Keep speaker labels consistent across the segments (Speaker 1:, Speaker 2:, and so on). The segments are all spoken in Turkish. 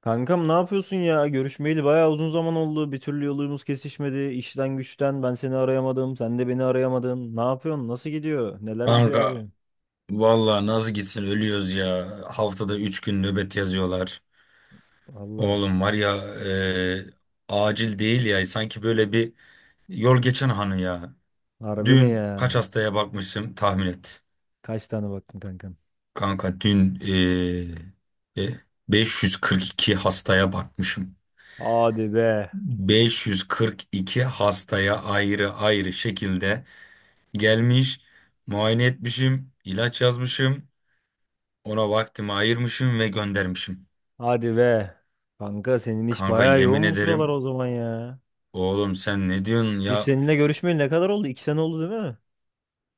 Speaker 1: Kankam ne yapıyorsun ya? Görüşmeyeli bayağı uzun zaman oldu. Bir türlü yolumuz kesişmedi. İşten güçten ben seni arayamadım. Sen de beni arayamadın. Ne yapıyorsun? Nasıl gidiyor? Neler gidiyor
Speaker 2: Kanka
Speaker 1: abi?
Speaker 2: valla nasıl gitsin ölüyoruz ya. Haftada 3 gün nöbet yazıyorlar.
Speaker 1: Valla.
Speaker 2: Oğlum var ya acil değil ya. Sanki böyle bir yol geçen hanı ya.
Speaker 1: Harbi mi
Speaker 2: Dün
Speaker 1: ya?
Speaker 2: kaç hastaya bakmışım tahmin et.
Speaker 1: Kaç tane baktın kankam?
Speaker 2: Kanka dün e, e, 542 hastaya bakmışım.
Speaker 1: Hadi be.
Speaker 2: 542 hastaya ayrı ayrı şekilde gelmiş, muayene etmişim, ilaç yazmışım, ona vaktimi ayırmışım ve göndermişim.
Speaker 1: Hadi be. Kanka senin iş
Speaker 2: Kanka
Speaker 1: bayağı
Speaker 2: yemin
Speaker 1: yoğun bu sıralar
Speaker 2: ederim.
Speaker 1: o zaman ya.
Speaker 2: Oğlum sen ne diyorsun
Speaker 1: Biz
Speaker 2: ya?
Speaker 1: seninle görüşmeyeli ne kadar oldu? İki sene oldu değil mi?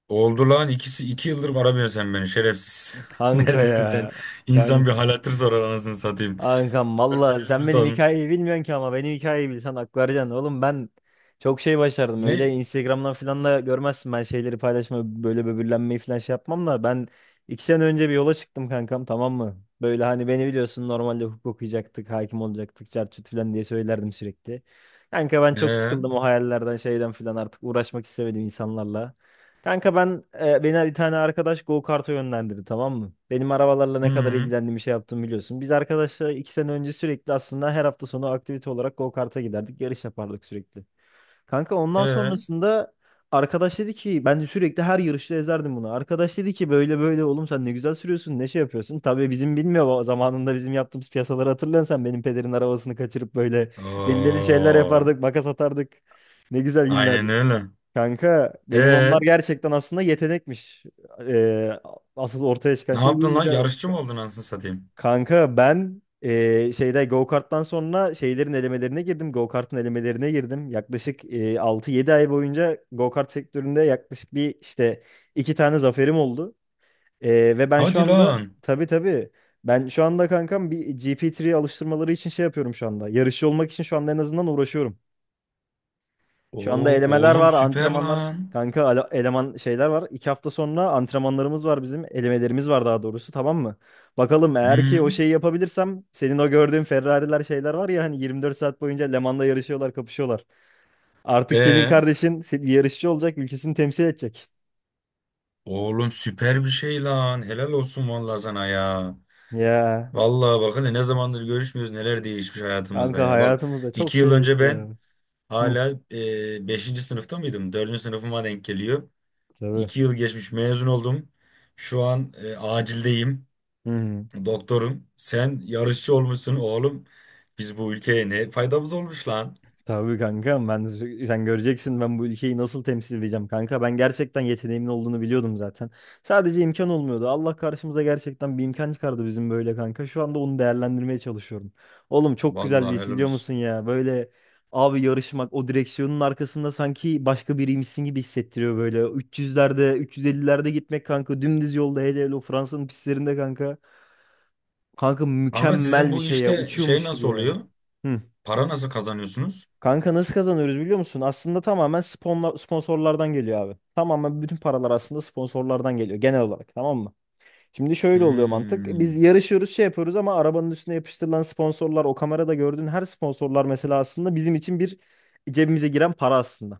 Speaker 2: Oldu lan ikisi iki yıldır aramıyorsun sen beni şerefsiz.
Speaker 1: Kanka
Speaker 2: Neredesin sen?
Speaker 1: ya.
Speaker 2: İnsan bir
Speaker 1: Kanka.
Speaker 2: hal hatır sorar anasını satayım.
Speaker 1: Kankam valla
Speaker 2: Ölmüşüz
Speaker 1: sen
Speaker 2: biz
Speaker 1: benim
Speaker 2: lan.
Speaker 1: hikayeyi bilmiyorsun ki ama benim hikayeyi bilsen hak vereceksin. Oğlum ben çok şey başardım. Öyle
Speaker 2: Ne?
Speaker 1: Instagram'dan falan da görmezsin, ben şeyleri paylaşma, böyle böbürlenmeyi falan şey yapmam da ben iki sene önce bir yola çıktım kankam, tamam mı? Böyle hani beni biliyorsun, normalde hukuk okuyacaktık, hakim olacaktık, çarçut falan diye söylerdim sürekli. Kanka ben çok
Speaker 2: Ee.
Speaker 1: sıkıldım o hayallerden şeyden falan, artık uğraşmak istemedim insanlarla. Kanka ben beni bir tane arkadaş go kart'a yönlendirdi, tamam mı? Benim arabalarla ne kadar
Speaker 2: Hı.
Speaker 1: ilgilendiğimi şey yaptım, biliyorsun. Biz arkadaşlar iki sene önce sürekli aslında her hafta sonu aktivite olarak go kart'a giderdik. Yarış yapardık sürekli. Kanka ondan
Speaker 2: Ee.
Speaker 1: sonrasında arkadaş dedi ki, ben de sürekli her yarışta ezerdim bunu. Arkadaş dedi ki böyle böyle oğlum sen ne güzel sürüyorsun, ne şey yapıyorsun. Tabii bizim bilmiyor ama zamanında bizim yaptığımız piyasaları hatırlıyorsan, sen benim pederin arabasını kaçırıp böyle delileri şeyler
Speaker 2: Oo,
Speaker 1: yapardık, makas atardık. Ne güzel günler.
Speaker 2: aynen öyle.
Speaker 1: Kanka benim onlar
Speaker 2: Ee,
Speaker 1: gerçekten aslında yetenekmiş. Ee, asıl ortaya çıkan
Speaker 2: ne
Speaker 1: şey
Speaker 2: yaptın
Speaker 1: buymuş
Speaker 2: lan?
Speaker 1: ya.
Speaker 2: Yarışçı
Speaker 1: Ka-
Speaker 2: mı oldun anasını satayım?
Speaker 1: Kanka ben şeyde go-kart'tan sonra şeylerin elemelerine girdim. Go-kart'ın elemelerine girdim. Yaklaşık 6-7 ay boyunca go-kart sektöründe yaklaşık bir işte iki tane zaferim oldu. Ee, ve ben şu
Speaker 2: Hadi
Speaker 1: anda
Speaker 2: lan.
Speaker 1: tabii tabii ben şu anda kankam bir GP3 alıştırmaları için şey yapıyorum şu anda. Yarışçı olmak için şu anda en azından uğraşıyorum. Şu anda
Speaker 2: Oo,
Speaker 1: elemeler
Speaker 2: oğlum
Speaker 1: var,
Speaker 2: süper
Speaker 1: antrenmanlar.
Speaker 2: lan.
Speaker 1: Kanka eleman şeyler var. İki hafta sonra antrenmanlarımız var bizim. Elemelerimiz var daha doğrusu, tamam mı? Bakalım, eğer ki
Speaker 2: Hı,
Speaker 1: o şeyi yapabilirsem, senin o gördüğün Ferrari'ler şeyler var ya, hani 24 saat boyunca Le Mans'la yarışıyorlar, kapışıyorlar. Artık senin
Speaker 2: ee,
Speaker 1: kardeşin bir yarışçı olacak, ülkesini temsil edecek.
Speaker 2: oğlum süper bir şey lan. Helal olsun vallahi sana ya.
Speaker 1: Ya
Speaker 2: Vallahi bakın ne zamandır görüşmüyoruz neler değişmiş hayatımızda
Speaker 1: kanka
Speaker 2: ya. Bak
Speaker 1: hayatımızda çok
Speaker 2: 2 yıl
Speaker 1: şey
Speaker 2: önce
Speaker 1: değişti
Speaker 2: ben
Speaker 1: ya. Hı,
Speaker 2: hala beşinci sınıfta mıydım? Dördüncü sınıfıma denk geliyor.
Speaker 1: tabii.
Speaker 2: 2 yıl geçmiş mezun oldum. Şu an acildeyim.
Speaker 1: Hı hı.
Speaker 2: Doktorum. Sen yarışçı olmuşsun oğlum. Biz bu ülkeye ne faydamız olmuş lan.
Speaker 1: Tabii kanka ben sen göreceksin ben bu ülkeyi nasıl temsil edeceğim kanka. Ben gerçekten yeteneğimin olduğunu biliyordum zaten. Sadece imkan olmuyordu. Allah karşımıza gerçekten bir imkan çıkardı bizim böyle kanka. Şu anda onu değerlendirmeye çalışıyorum. Oğlum çok güzel bir
Speaker 2: Vallahi
Speaker 1: his,
Speaker 2: helal
Speaker 1: biliyor
Speaker 2: olsun.
Speaker 1: musun ya? Böyle, abi, yarışmak, o direksiyonun arkasında sanki başka biriymişsin gibi hissettiriyor böyle. 300'lerde 350'lerde gitmek kanka, dümdüz yolda, hele hele o Fransa'nın pistlerinde kanka. Kanka
Speaker 2: Kanka sizin
Speaker 1: mükemmel bir
Speaker 2: bu
Speaker 1: şey ya,
Speaker 2: işte şey
Speaker 1: uçuyormuş gibi
Speaker 2: nasıl
Speaker 1: ya.
Speaker 2: oluyor?
Speaker 1: Hı.
Speaker 2: Para nasıl kazanıyorsunuz?
Speaker 1: Kanka nasıl kazanıyoruz biliyor musun? Aslında tamamen sponsorlardan geliyor abi. Tamamen bütün paralar aslında sponsorlardan geliyor genel olarak, tamam mı? Şimdi şöyle oluyor mantık. Biz
Speaker 2: Hmm.
Speaker 1: yarışıyoruz şey yapıyoruz ama arabanın üstüne yapıştırılan sponsorlar, o kamerada gördüğün her sponsorlar mesela, aslında bizim için bir cebimize giren para aslında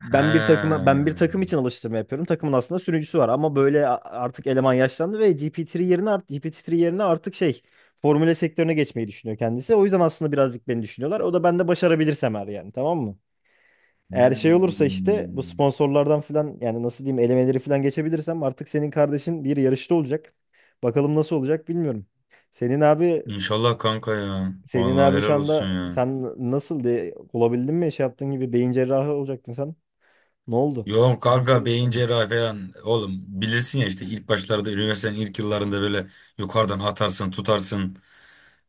Speaker 2: Ha.
Speaker 1: ben bir takım için alıştırma yapıyorum. Takımın aslında sürücüsü var ama böyle artık eleman yaşlandı ve GPT-3 yerine artık şey Formüle sektörüne geçmeyi düşünüyor kendisi. O yüzden aslında birazcık beni düşünüyorlar. O da, ben de başarabilirsem eğer, yani, tamam mı? Eğer şey olursa işte bu
Speaker 2: Hmm.
Speaker 1: sponsorlardan falan, yani nasıl diyeyim, elemeleri falan geçebilirsem, artık senin kardeşin bir yarışta olacak. Bakalım nasıl olacak, bilmiyorum. Senin abi
Speaker 2: İnşallah kanka ya.
Speaker 1: Senin
Speaker 2: Vallahi
Speaker 1: abi şu
Speaker 2: helal olsun
Speaker 1: anda
Speaker 2: ya.
Speaker 1: sen nasıl diye olabildin mi? Şey yaptığın gibi beyin cerrahı olacaktın sen. Ne oldu?
Speaker 2: Yok
Speaker 1: Bir şey
Speaker 2: kanka beyin
Speaker 1: düşün.
Speaker 2: cerrahi falan. Oğlum bilirsin ya işte ilk başlarda üniversitenin ilk yıllarında böyle yukarıdan atarsın tutarsın.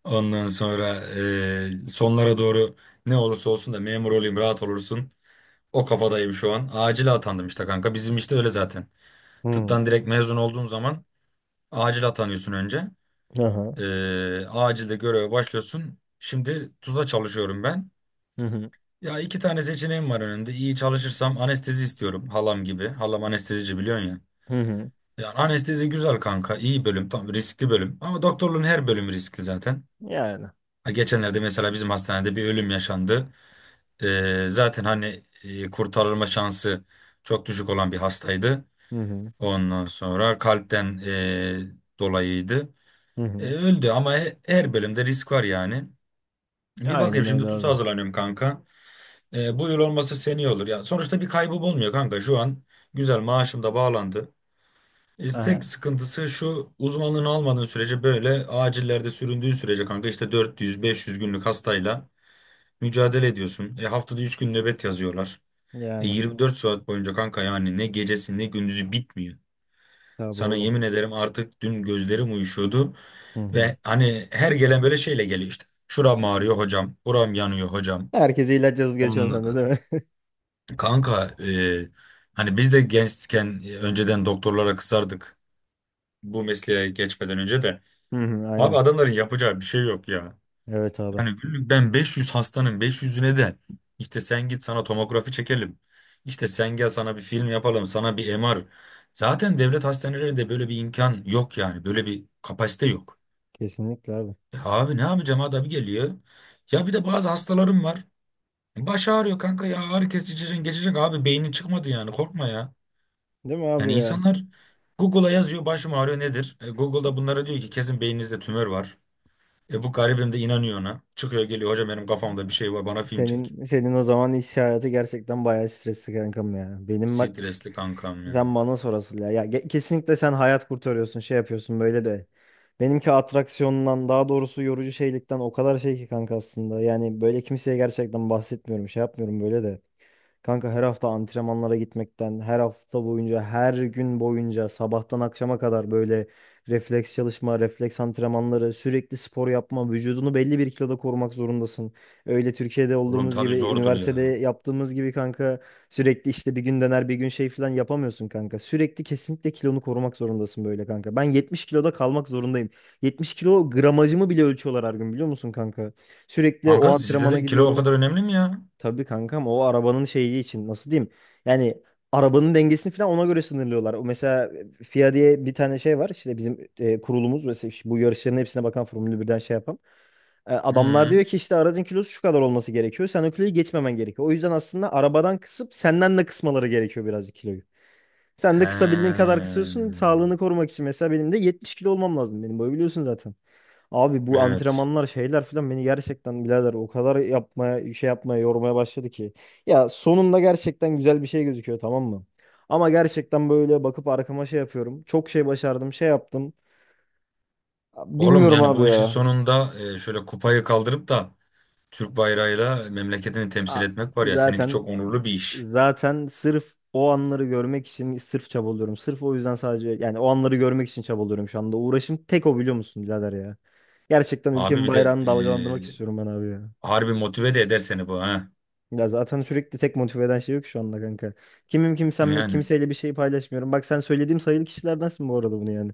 Speaker 2: Ondan sonra sonlara doğru ne olursa olsun da memur olayım rahat olursun. O kafadayım şu an. Acil atandım işte kanka. Bizim işte öyle zaten.
Speaker 1: Hmm.
Speaker 2: Tıptan direkt mezun olduğun zaman acil atanıyorsun önce.
Speaker 1: Aha.
Speaker 2: Acilde göreve başlıyorsun. Şimdi Tuzla çalışıyorum ben.
Speaker 1: Hı hı.
Speaker 2: Ya iki tane seçeneğim var önümde. İyi çalışırsam anestezi istiyorum halam gibi. Halam anestezici biliyorsun ya.
Speaker 1: Hı hı.
Speaker 2: Yani anestezi güzel kanka. İyi bölüm. Tam riskli bölüm. Ama doktorluğun her bölümü riskli zaten.
Speaker 1: Yani.
Speaker 2: Ha, geçenlerde mesela bizim hastanede bir ölüm yaşandı. Zaten hani kurtarılma şansı çok düşük olan bir hastaydı.
Speaker 1: Hı hı.
Speaker 2: Ondan sonra kalpten dolayıydı.
Speaker 1: Hı hı.
Speaker 2: Öldü ama her bölümde risk var yani. Bir bakayım
Speaker 1: Aynen öyle
Speaker 2: şimdi TUS'a
Speaker 1: abi.
Speaker 2: hazırlanıyorum kanka. Bu yıl olmasa seneye olur. Yani sonuçta bir kaybım olmuyor kanka. Şu an güzel maaşım da bağlandı. Tek
Speaker 1: Aha.
Speaker 2: sıkıntısı şu uzmanlığını almadığın sürece böyle acillerde süründüğün sürece kanka işte 400-500 günlük hastayla mücadele ediyorsun. Haftada 3 gün nöbet yazıyorlar.
Speaker 1: Yani.
Speaker 2: 24 saat boyunca kanka yani ne gecesi ne gündüzü bitmiyor.
Speaker 1: Tabii
Speaker 2: Sana
Speaker 1: oğlum.
Speaker 2: yemin ederim artık dün gözlerim uyuşuyordu.
Speaker 1: Hı hı.
Speaker 2: Ve hani her gelen böyle şeyle geliyor işte. Şuram ağrıyor hocam. Buram yanıyor hocam.
Speaker 1: Herkese ilaç yazıp geçiyorsun sen de değil mi?
Speaker 2: Kanka hani biz de gençken önceden doktorlara kızardık bu mesleğe geçmeden önce de.
Speaker 1: Hı hı.
Speaker 2: Abi
Speaker 1: Aynen.
Speaker 2: adamların yapacağı bir şey yok ya.
Speaker 1: Evet abi.
Speaker 2: Yani günlük ben 500 hastanın 500'üne de işte sen git sana tomografi çekelim. İşte sen gel sana bir film yapalım sana bir MR. Zaten devlet hastanelerinde böyle bir imkan yok yani böyle bir kapasite yok.
Speaker 1: Kesinlikle abi.
Speaker 2: Abi ne yapacağım adam geliyor. Ya bir de bazı hastalarım var. Baş ağrıyor kanka ya ağrı kesici içeceksin, geçecek abi beynin çıkmadı yani korkma ya.
Speaker 1: Değil mi abi
Speaker 2: Yani
Speaker 1: ya?
Speaker 2: insanlar Google'a yazıyor başım ağrıyor nedir? Google'da bunlara diyor ki kesin beyninizde tümör var. Bu garibim de inanıyor ona. Çıkıyor geliyor hocam benim kafamda bir şey var bana film çek.
Speaker 1: Senin o zaman iş hayatı gerçekten bayağı stresli kankam ya. Benim bak,
Speaker 2: Stresli kankam ya.
Speaker 1: sen bana sorasın ya. Ya kesinlikle sen hayat kurtarıyorsun, şey yapıyorsun böyle de. Benimki atraksiyondan daha doğrusu yorucu şeylikten o kadar şey ki kanka aslında. Yani böyle kimseye gerçekten bahsetmiyorum, şey yapmıyorum böyle de. Kanka her hafta antrenmanlara gitmekten, her hafta boyunca, her gün boyunca, sabahtan akşama kadar böyle refleks çalışma, refleks antrenmanları, sürekli spor yapma, vücudunu belli bir kiloda korumak zorundasın. Öyle Türkiye'de
Speaker 2: Oğlum
Speaker 1: olduğumuz
Speaker 2: tabii
Speaker 1: gibi,
Speaker 2: zordur
Speaker 1: üniversitede
Speaker 2: ya.
Speaker 1: yaptığımız gibi kanka sürekli, işte bir gün döner bir gün şey falan yapamıyorsun kanka. Sürekli kesinlikle kilonu korumak zorundasın böyle kanka. Ben 70 kiloda kalmak zorundayım. 70 kilo gramajımı bile ölçüyorlar her gün biliyor musun kanka? Sürekli o
Speaker 2: Kanka sizde
Speaker 1: antrenmana
Speaker 2: de kilo o
Speaker 1: gidiyorum.
Speaker 2: kadar önemli mi ya?
Speaker 1: Tabii kankam, o arabanın şeyi için nasıl diyeyim? Yani arabanın dengesini falan ona göre sınırlıyorlar. O mesela FIA diye bir tane şey var. İşte bizim kurulumuz mesela, işte bu yarışların hepsine bakan Formula 1'den şey yapan. E, adamlar
Speaker 2: Hı.
Speaker 1: diyor ki işte aracın kilosu şu kadar olması gerekiyor. Sen o kiloyu geçmemen gerekiyor. O yüzden aslında arabadan kısıp senden de kısmaları gerekiyor birazcık kiloyu. Sen de kısabildiğin
Speaker 2: He.
Speaker 1: kadar kısıyorsun. Sağlığını korumak için, mesela benim de 70 kilo olmam lazım. Benim boyu biliyorsun zaten. Abi bu
Speaker 2: Evet.
Speaker 1: antrenmanlar şeyler filan beni gerçekten birader o kadar yapmaya şey yapmaya yormaya başladı ki. Ya sonunda gerçekten güzel bir şey gözüküyor, tamam mı? Ama gerçekten böyle bakıp arkama şey yapıyorum. Çok şey başardım, şey yaptım.
Speaker 2: Oğlum
Speaker 1: Bilmiyorum
Speaker 2: yani
Speaker 1: abi
Speaker 2: bu işin
Speaker 1: ya.
Speaker 2: sonunda şöyle kupayı kaldırıp da Türk bayrağıyla memleketini temsil
Speaker 1: A-
Speaker 2: etmek var ya. Seninki
Speaker 1: Zaten
Speaker 2: çok onurlu bir iş.
Speaker 1: zaten sırf o anları görmek için sırf çabalıyorum. Sırf o yüzden, sadece yani o anları görmek için çabalıyorum şu anda. Uğraşım tek o, biliyor musun birader ya. Gerçekten
Speaker 2: Abi
Speaker 1: ülkemin
Speaker 2: bir de
Speaker 1: bayrağını dalgalandırmak
Speaker 2: e,
Speaker 1: istiyorum ben abi ya.
Speaker 2: harbi motive de eder seni bu ha.
Speaker 1: Ya zaten sürekli tek motive eden şey yok şu anda kanka. Kimim kimsem yok.
Speaker 2: Yani.
Speaker 1: Kimseyle bir şey paylaşmıyorum. Bak sen söylediğim sayılı kişilerdensin bu arada bunu, yani.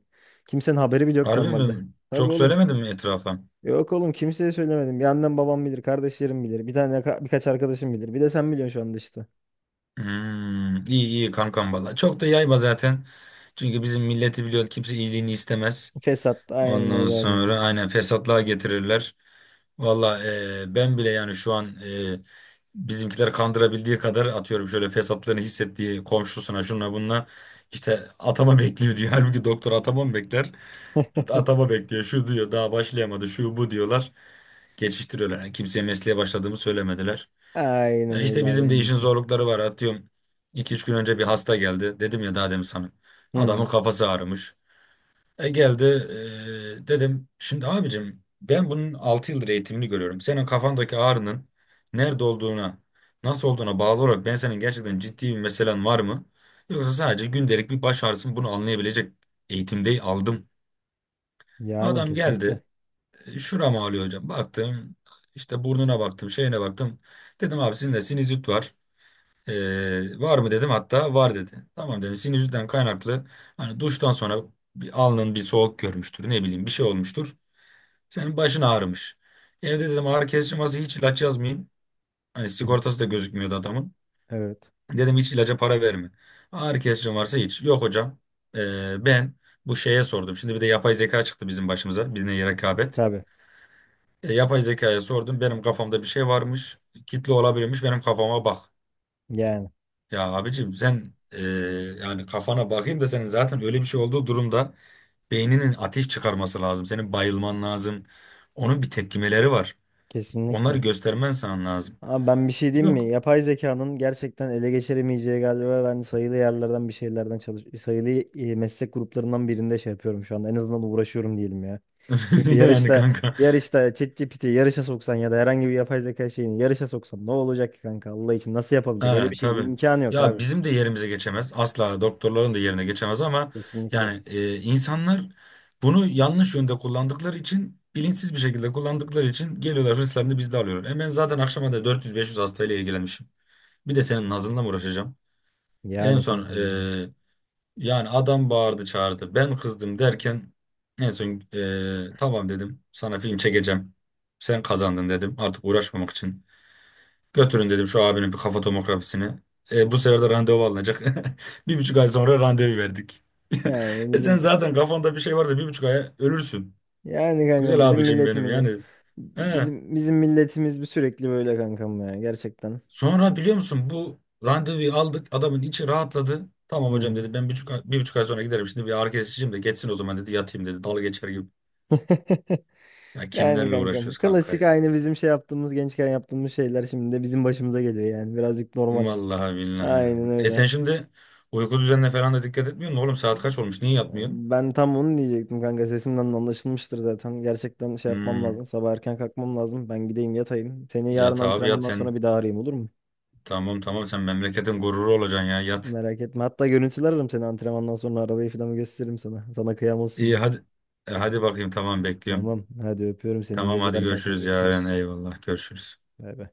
Speaker 1: Kimsenin haberi bile yok
Speaker 2: Harbi
Speaker 1: normalde.
Speaker 2: mi?
Speaker 1: Tabii
Speaker 2: Çok
Speaker 1: oğlum.
Speaker 2: söylemedim mi etrafa?
Speaker 1: Yok oğlum, kimseye söylemedim. Bir annem babam bilir. Kardeşlerim bilir. Bir tane birkaç arkadaşım bilir. Bir de sen biliyorsun şu anda işte.
Speaker 2: İyi iyi kankam valla. Çok da yayma zaten. Çünkü bizim milleti biliyorsun kimse iyiliğini istemez.
Speaker 1: Fesat. Aynen
Speaker 2: Ondan
Speaker 1: öyle abi.
Speaker 2: sonra aynen fesatlığa getirirler. Valla ben bile yani şu an bizimkiler kandırabildiği kadar atıyorum şöyle fesatlığını hissettiği komşusuna şuna bununla işte atama bekliyor diyor. Halbuki doktor atama mı bekler? Atama bekliyor şu diyor daha başlayamadı şu bu diyorlar. Geçiştiriyorlar. Yani kimseye mesleğe başladığımı söylemediler.
Speaker 1: Aynen
Speaker 2: Ya işte
Speaker 1: öyle abi,
Speaker 2: bizim de
Speaker 1: en
Speaker 2: işin
Speaker 1: iyisi.
Speaker 2: zorlukları var. Atıyorum iki üç gün önce bir hasta geldi. Dedim ya daha demin sana.
Speaker 1: Hı
Speaker 2: Adamın
Speaker 1: hı.
Speaker 2: kafası ağrımış. Geldi dedim şimdi abicim ben bunun 6 yıldır eğitimini görüyorum. Senin kafandaki ağrının nerede olduğuna nasıl olduğuna bağlı olarak ben senin gerçekten ciddi bir meselen var mı? Yoksa sadece gündelik bir baş ağrısı mı? Bunu anlayabilecek eğitimde aldım.
Speaker 1: Yani
Speaker 2: Adam
Speaker 1: kesinlikle.
Speaker 2: geldi şuram ağrıyor hocam baktım işte burnuna baktım şeyine baktım. Dedim abi sizin de sinüzit var. Var mı dedim hatta var dedi. Tamam dedim sinüzitten kaynaklı hani duştan sonra bir alnın bir soğuk görmüştür ne bileyim bir şey olmuştur. Senin başın ağrımış. Evde dedim ağrı kesici masası hiç ilaç yazmayayım. Hani
Speaker 1: Hı hı.
Speaker 2: sigortası da gözükmüyordu adamın.
Speaker 1: Evet.
Speaker 2: Dedim hiç ilaca para verme. Ağrı kesici varsa hiç. Yok hocam ben bu şeye sordum. Şimdi bir de yapay zeka çıktı bizim başımıza birine rekabet.
Speaker 1: Tabii.
Speaker 2: Yapay zekaya sordum benim kafamda bir şey varmış. Kitle olabilirmiş benim kafama bak.
Speaker 1: Yani
Speaker 2: Ya abicim sen yani kafana bakayım da senin zaten öyle bir şey olduğu durumda beyninin ateş çıkarması lazım. Senin bayılman lazım. Onun bir tepkimeleri var. Onları
Speaker 1: kesinlikle.
Speaker 2: göstermen sana lazım.
Speaker 1: Abi ben bir şey diyeyim
Speaker 2: Yok
Speaker 1: mi? Yapay zekanın gerçekten ele geçiremeyeceği galiba ben sayılı yerlerden bir şeylerden çalış sayılı meslek gruplarından birinde şey yapıyorum şu anda. En azından uğraşıyorum diyelim ya. Çünkü
Speaker 2: yani
Speaker 1: yarışta
Speaker 2: kanka.
Speaker 1: yarışta ChatGPT'yi yarışa soksan ya da herhangi bir yapay zeka şeyini yarışa soksan ne olacak ki kanka, Allah için nasıl yapabilecek? Öyle
Speaker 2: Ha,
Speaker 1: bir şey
Speaker 2: tabii.
Speaker 1: imkanı yok
Speaker 2: Ya
Speaker 1: abi.
Speaker 2: bizim de yerimize geçemez. Asla doktorların da yerine geçemez ama
Speaker 1: Kesinlikle.
Speaker 2: yani insanlar bunu yanlış yönde kullandıkları için bilinçsiz bir şekilde kullandıkları için geliyorlar hırslarını bizde alıyorlar. Ben zaten akşama da 400-500 hastayla ilgilenmişim. Bir de senin nazınla mı uğraşacağım? En
Speaker 1: Yani
Speaker 2: son
Speaker 1: kankam ben.
Speaker 2: yani adam bağırdı çağırdı. Ben kızdım derken en son tamam dedim. Sana film çekeceğim. Sen kazandın dedim. Artık uğraşmamak için. Götürün dedim şu abinin bir kafa tomografisini. Bu sefer de randevu alınacak. 1,5 ay sonra randevu verdik.
Speaker 1: Yani
Speaker 2: Sen
Speaker 1: bizim
Speaker 2: zaten kafanda bir şey varsa 1,5 aya ölürsün.
Speaker 1: yani kankam
Speaker 2: Güzel
Speaker 1: bizim
Speaker 2: abicim benim
Speaker 1: milletimizin
Speaker 2: yani. He.
Speaker 1: bizim milletimiz bir, sürekli böyle kankam ya gerçekten.
Speaker 2: Sonra biliyor musun bu randevuyu aldık. Adamın içi rahatladı. Tamam
Speaker 1: Hı
Speaker 2: hocam
Speaker 1: hı.
Speaker 2: dedi ben 1,5 ay sonra giderim. Şimdi bir ağrı kesiciyim de geçsin o zaman dedi yatayım dedi. Dalga geçer gibi. Ya
Speaker 1: Yani
Speaker 2: kimlerle
Speaker 1: kankam
Speaker 2: uğraşıyoruz kanka
Speaker 1: klasik,
Speaker 2: ya.
Speaker 1: aynı bizim şey yaptığımız, gençken yaptığımız şeyler şimdi de bizim başımıza geliyor yani, birazcık normal.
Speaker 2: Vallahi billahi. Ya.
Speaker 1: Aynen
Speaker 2: Sen
Speaker 1: öyle.
Speaker 2: şimdi uyku düzenine falan da dikkat etmiyor musun? Oğlum saat kaç olmuş? Niye yatmıyorsun?
Speaker 1: Ben tam onu diyecektim kanka, sesimden de anlaşılmıştır zaten. Gerçekten şey yapmam
Speaker 2: Hmm,
Speaker 1: lazım, sabah erken kalkmam lazım. Ben gideyim yatayım. Seni yarın
Speaker 2: Yat abi yat
Speaker 1: antrenmandan
Speaker 2: sen.
Speaker 1: sonra bir daha arayayım, olur mu?
Speaker 2: Tamam tamam sen memleketin gururu olacaksın ya yat.
Speaker 1: Merak etme. Hatta görüntüler, ararım seni antrenmandan sonra, arabayı falan gösteririm sana. Sana kıyamazsın
Speaker 2: İyi
Speaker 1: bu.
Speaker 2: hadi. Hadi bakayım tamam bekliyorum.
Speaker 1: Tamam hadi, öpüyorum seni, iyi
Speaker 2: Tamam hadi
Speaker 1: geceler kankam,
Speaker 2: görüşürüz yarın
Speaker 1: görüşürüz.
Speaker 2: eyvallah görüşürüz.
Speaker 1: Bay bay.